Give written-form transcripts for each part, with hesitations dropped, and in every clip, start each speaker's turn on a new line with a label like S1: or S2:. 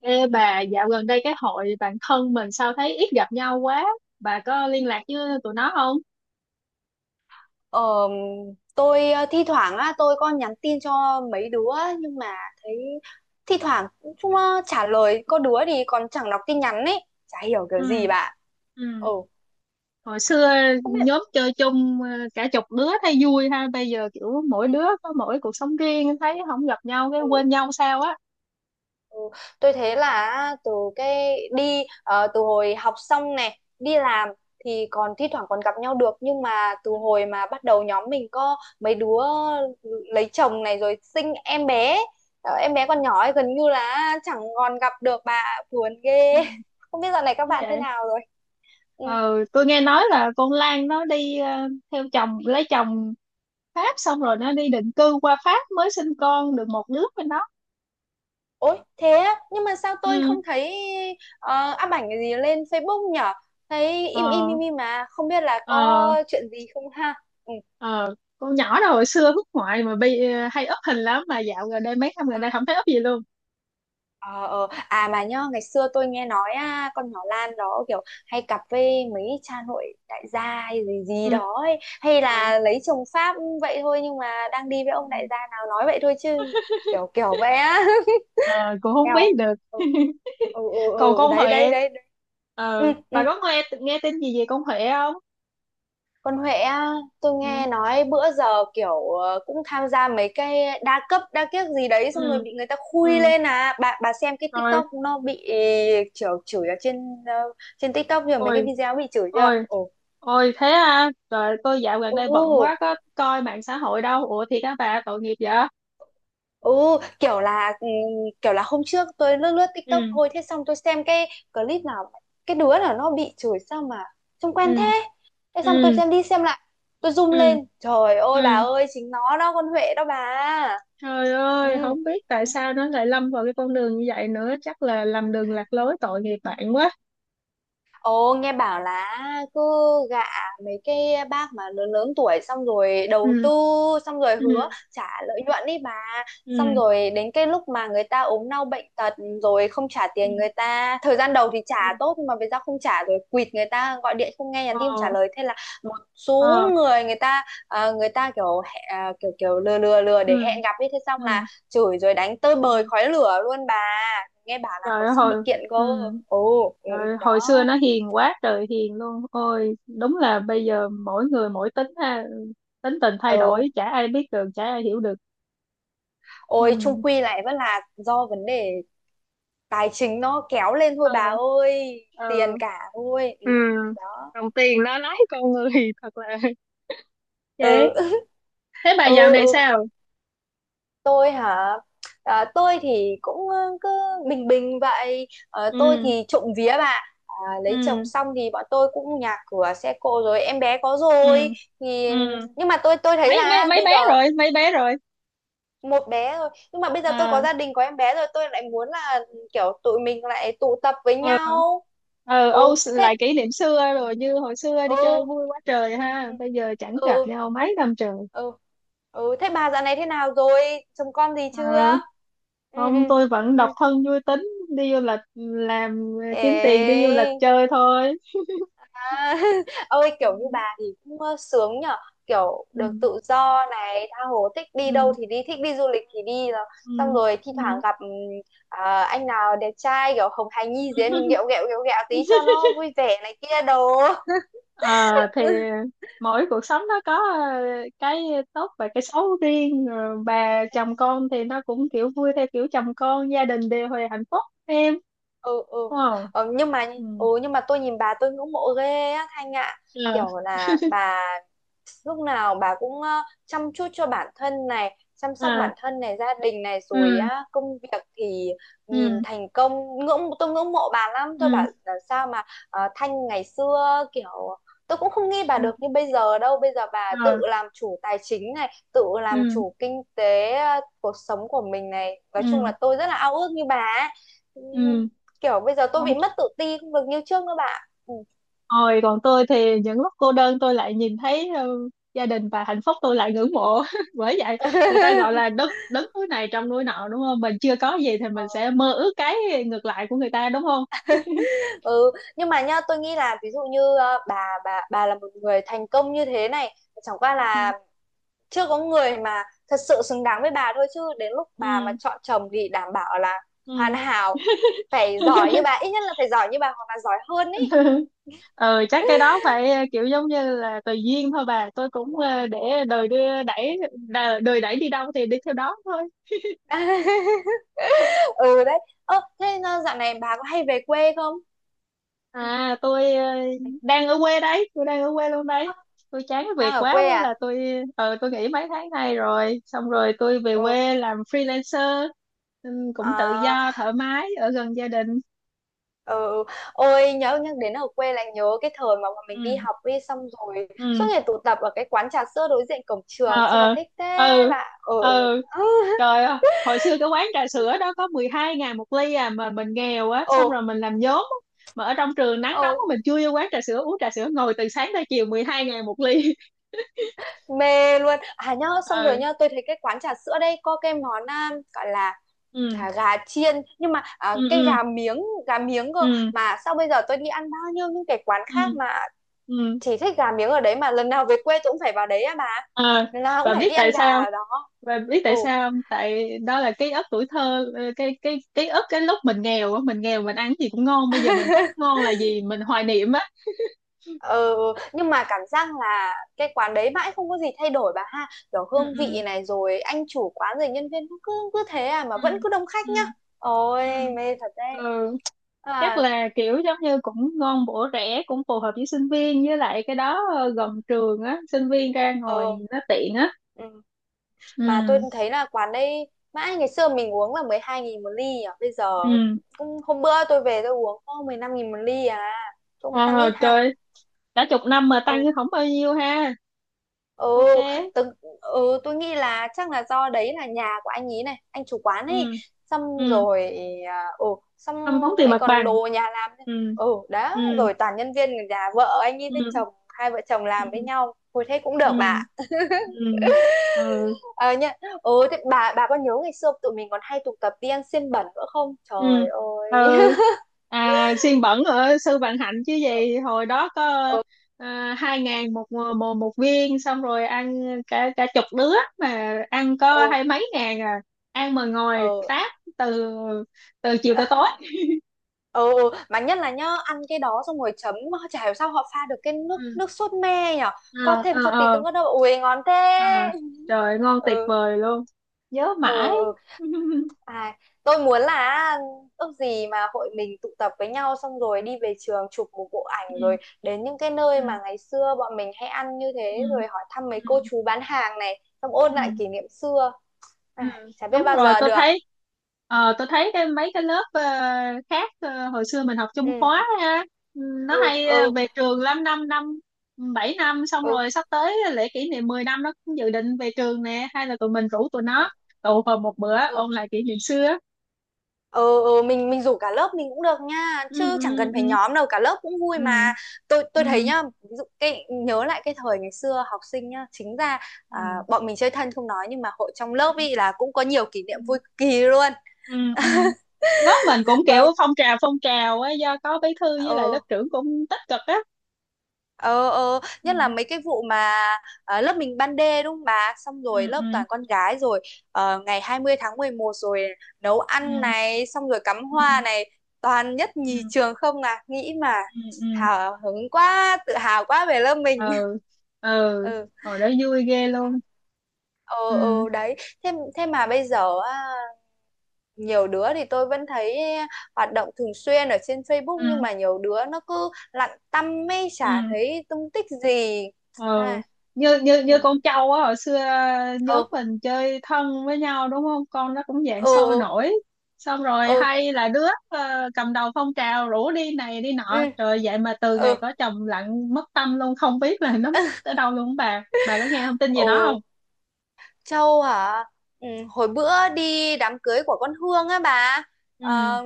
S1: Ê bà, dạo gần đây cái hội bạn thân mình sao thấy ít gặp nhau quá. Bà có liên lạc với tụi nó không?
S2: Ờ, tôi thi thoảng á tôi có nhắn tin cho mấy đứa á, nhưng mà thấy thi thoảng chúng nó trả lời, có đứa thì còn chẳng đọc tin nhắn ấy, chả hiểu kiểu
S1: Ừ,
S2: gì bạn.
S1: ừ.
S2: Ừ,
S1: Hồi xưa
S2: không biết.
S1: nhóm chơi chung cả chục đứa thấy vui ha. Bây giờ kiểu mỗi đứa có mỗi cuộc sống riêng thấy không gặp nhau cái
S2: Ừ.
S1: quên nhau sao á.
S2: Ừ, tôi thấy là từ cái đi từ hồi học xong này đi làm thì còn thi thoảng còn gặp nhau được, nhưng mà từ
S1: Ừ.
S2: hồi mà bắt đầu nhóm mình có mấy đứa lấy chồng này rồi sinh em bé, em bé còn nhỏ ấy, gần như là chẳng còn gặp được bà, buồn ghê.
S1: Ừ.
S2: Không biết dạo này các
S1: Như
S2: bạn thế
S1: vậy.
S2: nào rồi. Ừ.
S1: Ờ, tôi nghe nói là con Lan nó đi theo chồng, lấy chồng Pháp xong rồi nó đi định cư qua Pháp mới sinh con được một đứa với nó.
S2: Ôi thế á, nhưng mà sao tôi
S1: Ừ.
S2: không thấy up ảnh gì lên Facebook nhở. Thấy im im
S1: Ờ,
S2: im im mà không biết là có
S1: ờ.
S2: chuyện gì không ha. Ừ.
S1: Ờ con nhỏ đó hồi xưa hút ngoại mà hay up hình lắm mà dạo gần đây mấy năm gần
S2: ờ,
S1: đây không thấy up gì luôn.
S2: Ờ. À mà nhá, ngày xưa tôi nghe nói à, con nhỏ Lan đó kiểu hay cặp với mấy cha nội đại gia hay gì gì
S1: Ừ.
S2: đó ấy. Hay
S1: Ờ,
S2: là lấy chồng Pháp vậy thôi, nhưng mà đang đi với
S1: ừ.
S2: ông đại gia nào nói vậy thôi chứ kiểu kiểu vậy á.
S1: Ờ, cũng không
S2: Theo.
S1: biết được.
S2: Ừ ừ. Ừ,
S1: Còn
S2: ừ.
S1: con
S2: Đấy đấy
S1: Huệ,
S2: đấy đấy. Ừ,
S1: bà
S2: ừ.
S1: có nghe nghe tin gì về con Huệ không?
S2: Còn Huệ á, tôi
S1: Ừ.
S2: nghe nói bữa giờ kiểu cũng tham gia mấy cái đa cấp đa kiếc gì đấy, xong rồi
S1: Ừ.
S2: bị người ta khui
S1: Ừ.
S2: lên. À bà xem cái
S1: Rồi.
S2: TikTok nó bị chửi chửi ở trên trên TikTok rồi mấy cái
S1: Ôi,
S2: video bị chửi chưa?
S1: ôi,
S2: Ồ.
S1: ôi, thế à? Trời, tôi dạo gần đây bận
S2: Ồ.
S1: quá có coi mạng xã hội đâu. Ủa thì các bà tội nghiệp vậy.
S2: Ồ, kiểu là ừ, kiểu là hôm trước tôi lướt lướt TikTok
S1: Ừ.
S2: thôi, thế xong tôi xem cái clip nào cái đứa nào nó bị chửi sao mà trông quen thế.
S1: Ừ.
S2: Thế xong tôi
S1: Ừ.
S2: xem đi xem lại, tôi zoom
S1: Ừ.
S2: lên. Trời
S1: Ừ.
S2: ơi bà ơi, chính nó đó, con Huệ đó bà.
S1: Trời
S2: Ừ.
S1: ơi, không biết tại
S2: Ừ.
S1: sao nó lại lâm vào cái con đường như vậy nữa, chắc là lầm đường lạc lối tội nghiệp bạn quá.
S2: Ồ, nghe bảo là cứ gạ mấy cái bác mà lớn lớn tuổi xong rồi đầu
S1: Ừ,
S2: tư, xong rồi hứa
S1: ừ,
S2: trả lợi nhuận đi bà, xong
S1: ừ,
S2: rồi đến cái lúc mà người ta ốm đau bệnh tật rồi không trả
S1: ừ,
S2: tiền người ta, thời gian đầu thì trả
S1: ừ.
S2: tốt nhưng mà về sau không trả rồi quỵt, người ta gọi điện không nghe,
S1: Ờ,
S2: nhắn tin không trả lời, thế là một số
S1: ờ,
S2: người, người ta người ta kiểu kiểu kiểu lừa lừa lừa để
S1: ừ,
S2: hẹn gặp ấy, thế xong là
S1: ừ,
S2: chửi rồi đánh tơi
S1: ừ.
S2: bời khói lửa luôn bà. Nghe bảo là
S1: Trời
S2: còn
S1: ơi,
S2: sắp bị kiện cơ.
S1: ừ.
S2: Ồ, ừ,
S1: Trời ơi,
S2: ừ,
S1: hồi xưa
S2: đó.
S1: nó hiền quá trời hiền luôn. Ôi, đúng là bây giờ mỗi người mỗi tính ha, tính tình thay đổi,
S2: Ừ.
S1: chả ai biết được, chả ai hiểu được.
S2: Ôi, chung
S1: Ừ,
S2: quy lại vẫn là do vấn đề tài chính nó kéo lên thôi
S1: ờ,
S2: bà ơi, tiền
S1: ờ,
S2: cả thôi. Ừ,
S1: ừ.
S2: đó.
S1: Đồng tiền nó lái con người, thật là.
S2: Ừ.
S1: Vậy, thế bà dạo
S2: Ừ.
S1: này
S2: Ừ,
S1: sao?
S2: tôi hả? À, tôi thì cũng cứ bình bình vậy. Ờ, tôi
S1: Ừ.
S2: thì trộm vía bà, à, lấy chồng
S1: Ừ.
S2: xong thì bọn tôi cũng nhà cửa xe cộ rồi, em bé có rồi
S1: Ừ. Ừ.
S2: thì, nhưng mà tôi thấy
S1: mấy mấy
S2: là
S1: mấy
S2: bây
S1: bé
S2: giờ
S1: rồi? Mấy bé rồi?
S2: một bé rồi, nhưng mà bây giờ tôi có
S1: À,
S2: gia đình có em bé rồi tôi lại muốn là kiểu tụi mình lại tụ tập với
S1: ừ,
S2: nhau.
S1: ừ.
S2: Ừ,
S1: Ô,
S2: thế.
S1: lại kỷ niệm xưa rồi, như hồi xưa đi chơi
S2: Ừ.
S1: vui quá trời
S2: Ừ.
S1: ha,
S2: Ừ.
S1: bây giờ chẳng gặp
S2: Ừ.
S1: nhau mấy năm trời.
S2: Ừ. Ừ. Thế bà dạo này thế nào rồi, chồng con gì chưa?
S1: À
S2: Ừ.
S1: không,
S2: Ừ.
S1: tôi vẫn
S2: Ừ.
S1: độc thân vui tính, đi du lịch làm
S2: Ê.
S1: kiếm tiền đi du lịch chơi thôi.
S2: À, ôi kiểu như bà thì cũng sướng nhở, kiểu được
S1: Ừ.
S2: tự do này, tha hồ thích đi đâu
S1: Ừ.
S2: thì đi, thích đi du lịch thì đi, rồi
S1: Ừ.
S2: xong rồi thi thoảng
S1: Ừ.
S2: gặp anh nào đẹp trai kiểu hồng hài
S1: Ừ.
S2: nhi gì ấy, mình ghẹo ghẹo ghẹo ghẹo tí cho nó vui vẻ này kia đồ.
S1: Ờ, thì mỗi cuộc sống nó có ờ, cái tốt và cái xấu riêng. Rồi bà chồng con thì nó cũng kiểu vui theo kiểu chồng con gia đình đều hồi hạnh phúc em,
S2: Ừ. Ừ.
S1: đúng không?
S2: Ờ, nhưng mà.
S1: Ừ,
S2: Ừ, nhưng mà tôi nhìn bà tôi ngưỡng mộ ghê á Thanh ạ.
S1: ờ,
S2: Kiểu là bà lúc nào bà cũng chăm chút cho bản thân này, chăm sóc
S1: à,
S2: bản thân này, gia đình này, rồi
S1: ừ,
S2: á công việc thì nhìn
S1: ừ,
S2: thành công, ngưỡng tôi ngưỡng mộ bà lắm. Tôi
S1: ừ,
S2: bảo là sao mà Thanh ngày xưa kiểu tôi cũng không nghĩ bà
S1: ừ,
S2: được như bây giờ đâu. Bây giờ bà tự
S1: ờ,
S2: làm chủ tài chính này, tự làm
S1: ừ,
S2: chủ kinh tế cuộc sống của mình này, nói chung
S1: ừ,
S2: là tôi rất là ao ước như bà ấy.
S1: ừ,
S2: Kiểu bây giờ tôi bị
S1: ừ.
S2: mất tự ti, không được như trước nữa bạn. Ừ.
S1: Ôi, còn tôi thì những lúc cô đơn tôi lại nhìn thấy gia đình và hạnh phúc tôi lại ngưỡng mộ. Bởi vậy người ta gọi là đất đứng núi này trong núi nọ đúng không? Mình chưa có gì thì
S2: Ờ.
S1: mình sẽ mơ ước cái ngược lại của người ta đúng không?
S2: Ừ, nhưng mà nhá tôi nghĩ là ví dụ như bà là một người thành công như thế này, chẳng qua
S1: Ừ.
S2: là chưa có người mà thật sự xứng đáng với bà thôi, chứ đến lúc bà mà
S1: Ừ.
S2: chọn chồng thì đảm bảo là hoàn
S1: Ừ.
S2: hảo, phải giỏi như bà, ít nhất là phải giỏi như bà hoặc là giỏi hơn ý.
S1: Ờ, chắc cái đó phải kiểu giống như là tùy duyên thôi bà. Tôi cũng để đời đưa đẩy đời đẩy đi đâu thì đi theo đó thôi.
S2: Ừ, đấy. Ơ thế dạo này bà có hay về quê không? Ừ.
S1: À, tôi đang ở quê đấy, tôi đang ở quê luôn đấy.
S2: Ơ,
S1: Tôi chán cái
S2: đang
S1: việc
S2: ở
S1: quá
S2: quê
S1: thế là
S2: à?
S1: tôi nghỉ mấy tháng nay rồi, xong rồi tôi về
S2: Ừ.
S1: quê làm freelancer, ừ, cũng tự
S2: À.
S1: do thoải mái ở gần gia đình.
S2: Ừ. Ôi nhớ, nhắc đến ở quê lại nhớ cái thời mà bọn mình đi
S1: Ừ.
S2: học, đi xong rồi suốt
S1: Ừ.
S2: ngày tụ tập ở cái quán trà sữa đối diện cổng trường,
S1: Ờ.
S2: sao mà
S1: Ờ.
S2: thích thế
S1: Ừ.
S2: bạn. Ừ.
S1: Ừ.
S2: Ừ.
S1: Trời ơi, hồi xưa cái quán trà sữa đó có 12.000 một ly à mà mình nghèo á,
S2: Ừ.
S1: xong rồi mình làm vốn á. Mà ở trong trường nắng
S2: Ừ,
S1: nóng á, mình chui vô quán trà sữa uống trà sữa ngồi từ sáng tới chiều 12.000 một ly.
S2: mê luôn à nhớ, xong rồi
S1: Ừ.
S2: nhớ tôi thấy cái quán trà sữa đây có cái món à, gọi là
S1: Ừ.
S2: gà chiên nhưng mà à,
S1: Ừ.
S2: cái
S1: Ừ.
S2: gà miếng cơ.
S1: Ừ.
S2: Mà sao bây giờ tôi đi ăn bao nhiêu những cái quán
S1: Ừ.
S2: khác mà
S1: Ừ.
S2: chỉ thích gà miếng ở đấy, mà lần nào về quê tôi cũng phải vào đấy à bà,
S1: À,
S2: lần nào cũng
S1: và
S2: phải
S1: biết
S2: đi ăn
S1: tại
S2: gà
S1: sao
S2: ở đó.
S1: và biết
S2: Ừ.
S1: tại sao không? Tại đó là ký ức tuổi thơ, cái ký ức cái lúc mình nghèo á, mình nghèo mình ăn gì cũng ngon, bây giờ mình thấy ngon là gì mình hoài niệm á.
S2: Ờ, nhưng mà cảm giác là cái quán đấy mãi không có gì thay đổi bà ha, kiểu
S1: Ừ.
S2: hương
S1: Ừ.
S2: vị này rồi anh chủ quán rồi nhân viên, nó cứ cứ thế à mà
S1: Ừ.
S2: vẫn cứ đông khách
S1: Ừ.
S2: nhá.
S1: Ừ.
S2: Ôi mê thật đấy.
S1: Ừ. Chắc
S2: À.
S1: là kiểu giống như cũng ngon bổ rẻ cũng phù hợp với sinh viên với lại cái đó gần trường á sinh viên ra ngồi
S2: Ờ.
S1: nó tiện á.
S2: Ừ. Mà tôi
S1: Ừ.
S2: thấy là quán đây mãi ngày xưa mình uống là 12.000 một ly à, bây giờ
S1: Ừ.
S2: cũng hôm bữa tôi về tôi uống có 15 nghìn một ly à, cũng tăng
S1: À,
S2: ít ha.
S1: trời, cả chục năm mà tăng
S2: Ừ.
S1: không bao nhiêu ha.
S2: Ừ.
S1: Ok.
S2: Tớ, ừ tôi nghĩ là chắc là do đấy là nhà của anh ý này, anh chủ quán
S1: Ừ.
S2: ấy, xong
S1: Ừ.
S2: rồi ừ xong
S1: Không tốn tiền
S2: lại
S1: mặt
S2: còn
S1: bằng.
S2: đồ nhà làm nữa.
S1: Ừ.
S2: Ừ đó,
S1: Ừ.
S2: rồi toàn nhân viên nhà vợ anh ấy
S1: Ừ.
S2: với chồng, hai vợ chồng
S1: Ừ.
S2: làm với nhau hồi, thế cũng
S1: Ừ.
S2: được bà.
S1: Ừ. Ừ.
S2: Ờ nhá. Ừ, thế bà có nhớ ngày xưa tụi mình còn hay tụ tập đi ăn xiên bẩn nữa không,
S1: Ừ.
S2: trời
S1: Ừ.
S2: ơi.
S1: À, xiên bẩn ở Sư Vạn Hạnh chứ gì, hồi đó có
S2: Ừ.
S1: 2.000 một, một viên xong rồi ăn cả cả chục đứa mà ăn
S2: Ừ.
S1: có hai mấy ngàn à, ăn mà ngồi
S2: Ừ.
S1: táp từ từ chiều tới tối.
S2: Ờ, ừ, mà nhất là nhá ăn cái đó xong rồi chấm, chả hiểu sao họ pha được cái nước
S1: Ừ.
S2: nước sốt me nhở, có
S1: Ờ. Ờ.
S2: thêm cho tí tương
S1: Ờ.
S2: ớt đâu, ui ngon
S1: Ờ.
S2: thế.
S1: Trời ơi, ngon tuyệt
S2: Ừ.
S1: vời luôn, nhớ mãi.
S2: Ừ. Ừ. À, tôi muốn là ước gì mà hội mình tụ tập với nhau xong rồi đi về trường chụp một bộ ảnh, rồi
S1: Ừ.
S2: đến những cái nơi
S1: Ừ.
S2: mà ngày xưa bọn mình hay ăn như
S1: Ừ.
S2: thế, rồi hỏi thăm mấy cô
S1: Ừ.
S2: chú bán hàng này, xong ôn lại
S1: Ừ.
S2: kỷ niệm xưa.
S1: Ừ.
S2: À, chả biết
S1: Đúng
S2: bao
S1: rồi,
S2: giờ
S1: tôi
S2: được.
S1: thấy tôi thấy cái mấy cái lớp khác hồi xưa mình học chung
S2: Ừ.
S1: khóa ha, ừ, nó
S2: Ừ.
S1: hay
S2: Ừ.
S1: về trường lắm 5 năm, ừ, 7 năm xong
S2: Ừ.
S1: rồi sắp tới lễ kỷ niệm 10 năm nó cũng dự định về trường nè, hay là tụi mình rủ tụi
S2: Ừ.
S1: nó tụ họp một bữa
S2: Ừ.
S1: ôn lại kỷ niệm xưa.
S2: Ừ, ừ mình rủ cả lớp mình cũng được nha,
S1: Ừ.
S2: chứ chẳng
S1: Ừ.
S2: cần phải
S1: Ừ.
S2: nhóm đâu, cả lớp cũng vui
S1: Ừ.
S2: mà. tôi
S1: Ừ.
S2: tôi thấy nhá ví dụ cái nhớ lại cái thời ngày xưa học sinh nhá, chính ra à,
S1: Ừ.
S2: bọn mình chơi thân không nói, nhưng mà hội trong
S1: Ừ.
S2: lớp
S1: Ừ.
S2: ý là cũng có nhiều kỷ
S1: Ừ.
S2: niệm vui cực kỳ luôn.
S1: Ừ, ừ. Lớp mình cũng kiểu
S2: Còn-
S1: phong trào á do có bí thư với lại lớp
S2: ừ.
S1: trưởng cũng tích cực á.
S2: Ờ
S1: Ừ.
S2: nhất là mấy cái vụ mà lớp mình ban đê đúng không bà, xong rồi
S1: Ừ.
S2: lớp
S1: Ừ.
S2: toàn con gái rồi ngày 20 tháng 11 rồi nấu
S1: Ừ.
S2: ăn này, xong rồi cắm
S1: Ừ.
S2: hoa này, toàn nhất nhì
S1: Ừ.
S2: trường không à, nghĩ mà
S1: Ừ. Ừ.
S2: hào hứng quá, tự hào quá về lớp mình.
S1: Ừ. Ừ.
S2: Ừ.
S1: Hồi đó vui ghê luôn.
S2: Ừ.
S1: Ừ.
S2: Ừ, đấy. Thế thế mà bây giờ á, nhiều đứa thì tôi vẫn thấy hoạt động thường xuyên ở trên
S1: Ừ.
S2: Facebook, nhưng mà nhiều đứa nó cứ lặn tăm mê, chả
S1: Ừ.
S2: thấy tung tích gì.
S1: Ừ.
S2: À.
S1: như như
S2: Ừ.
S1: như con trâu á, hồi xưa nhóm
S2: Ừ.
S1: mình chơi thân với nhau đúng không, con nó cũng dạng sôi
S2: Ừ.
S1: nổi, xong rồi
S2: Ừ.
S1: hay là đứa cầm đầu phong trào rủ đi này đi
S2: Ừ.
S1: nọ, rồi vậy mà từ
S2: Ừ.
S1: ngày
S2: Ừ.
S1: có chồng lặng mất tâm luôn, không biết là nó mất ở đâu luôn, bà có nghe thông tin gì đó không?
S2: Ừ. Châu hả? Ừ, hồi bữa đi đám cưới của con Hương á bà.
S1: Ừ.
S2: Ờ,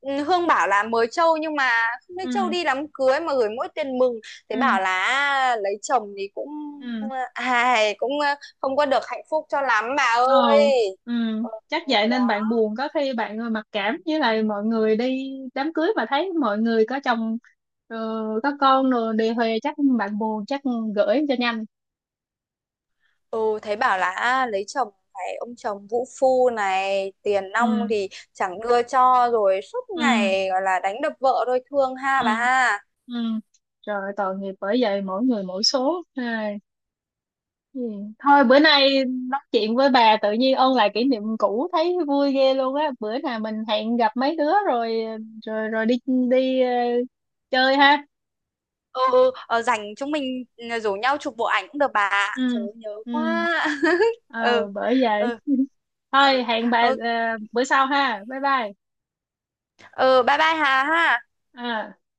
S2: ừ, Hương bảo là mời Châu nhưng mà không thấy Châu
S1: Ừ.
S2: đi đám cưới mà gửi mỗi tiền mừng. Thế
S1: Ừ.
S2: bảo là lấy chồng thì cũng
S1: Ừ.
S2: ai cũng không có được hạnh phúc cho lắm bà
S1: Ờ,
S2: ơi.
S1: ừ,
S2: Ừ,
S1: chắc vậy
S2: đó.
S1: nên bạn buồn, có khi bạn mặc cảm với lại mọi người đi đám cưới mà thấy mọi người có chồng, ờ, có con rồi đề huề chắc bạn buồn chắc gửi cho nhanh.
S2: Ừ, thấy bảo là à, lấy chồng phải ông chồng vũ phu này, tiền nong
S1: Ừ,
S2: thì chẳng đưa cho, rồi suốt
S1: ừ,
S2: ngày gọi là đánh đập vợ thôi, thương ha
S1: ừ,
S2: bà.
S1: ừ. Rồi tội nghiệp, bởi vậy mỗi người mỗi số. Ai, ừ. Thôi bữa nay nói chuyện với bà tự nhiên ôn lại kỷ niệm cũ thấy vui ghê luôn á. Bữa nào mình hẹn gặp mấy đứa rồi rồi rồi đi đi chơi ha.
S2: Ừ. Ừ, ờ, rảnh chúng mình ừ, rủ nhau chụp bộ ảnh cũng được bà ạ. Trời
S1: Ừ.
S2: ơi, nhớ
S1: Ừ.
S2: quá. Ừ.
S1: Bởi vậy
S2: Ừ.
S1: thôi
S2: Ừ.
S1: hẹn bà
S2: Ừ,
S1: bữa sau ha, bye bye.
S2: ừ bye bye Hà ha.
S1: Ờ.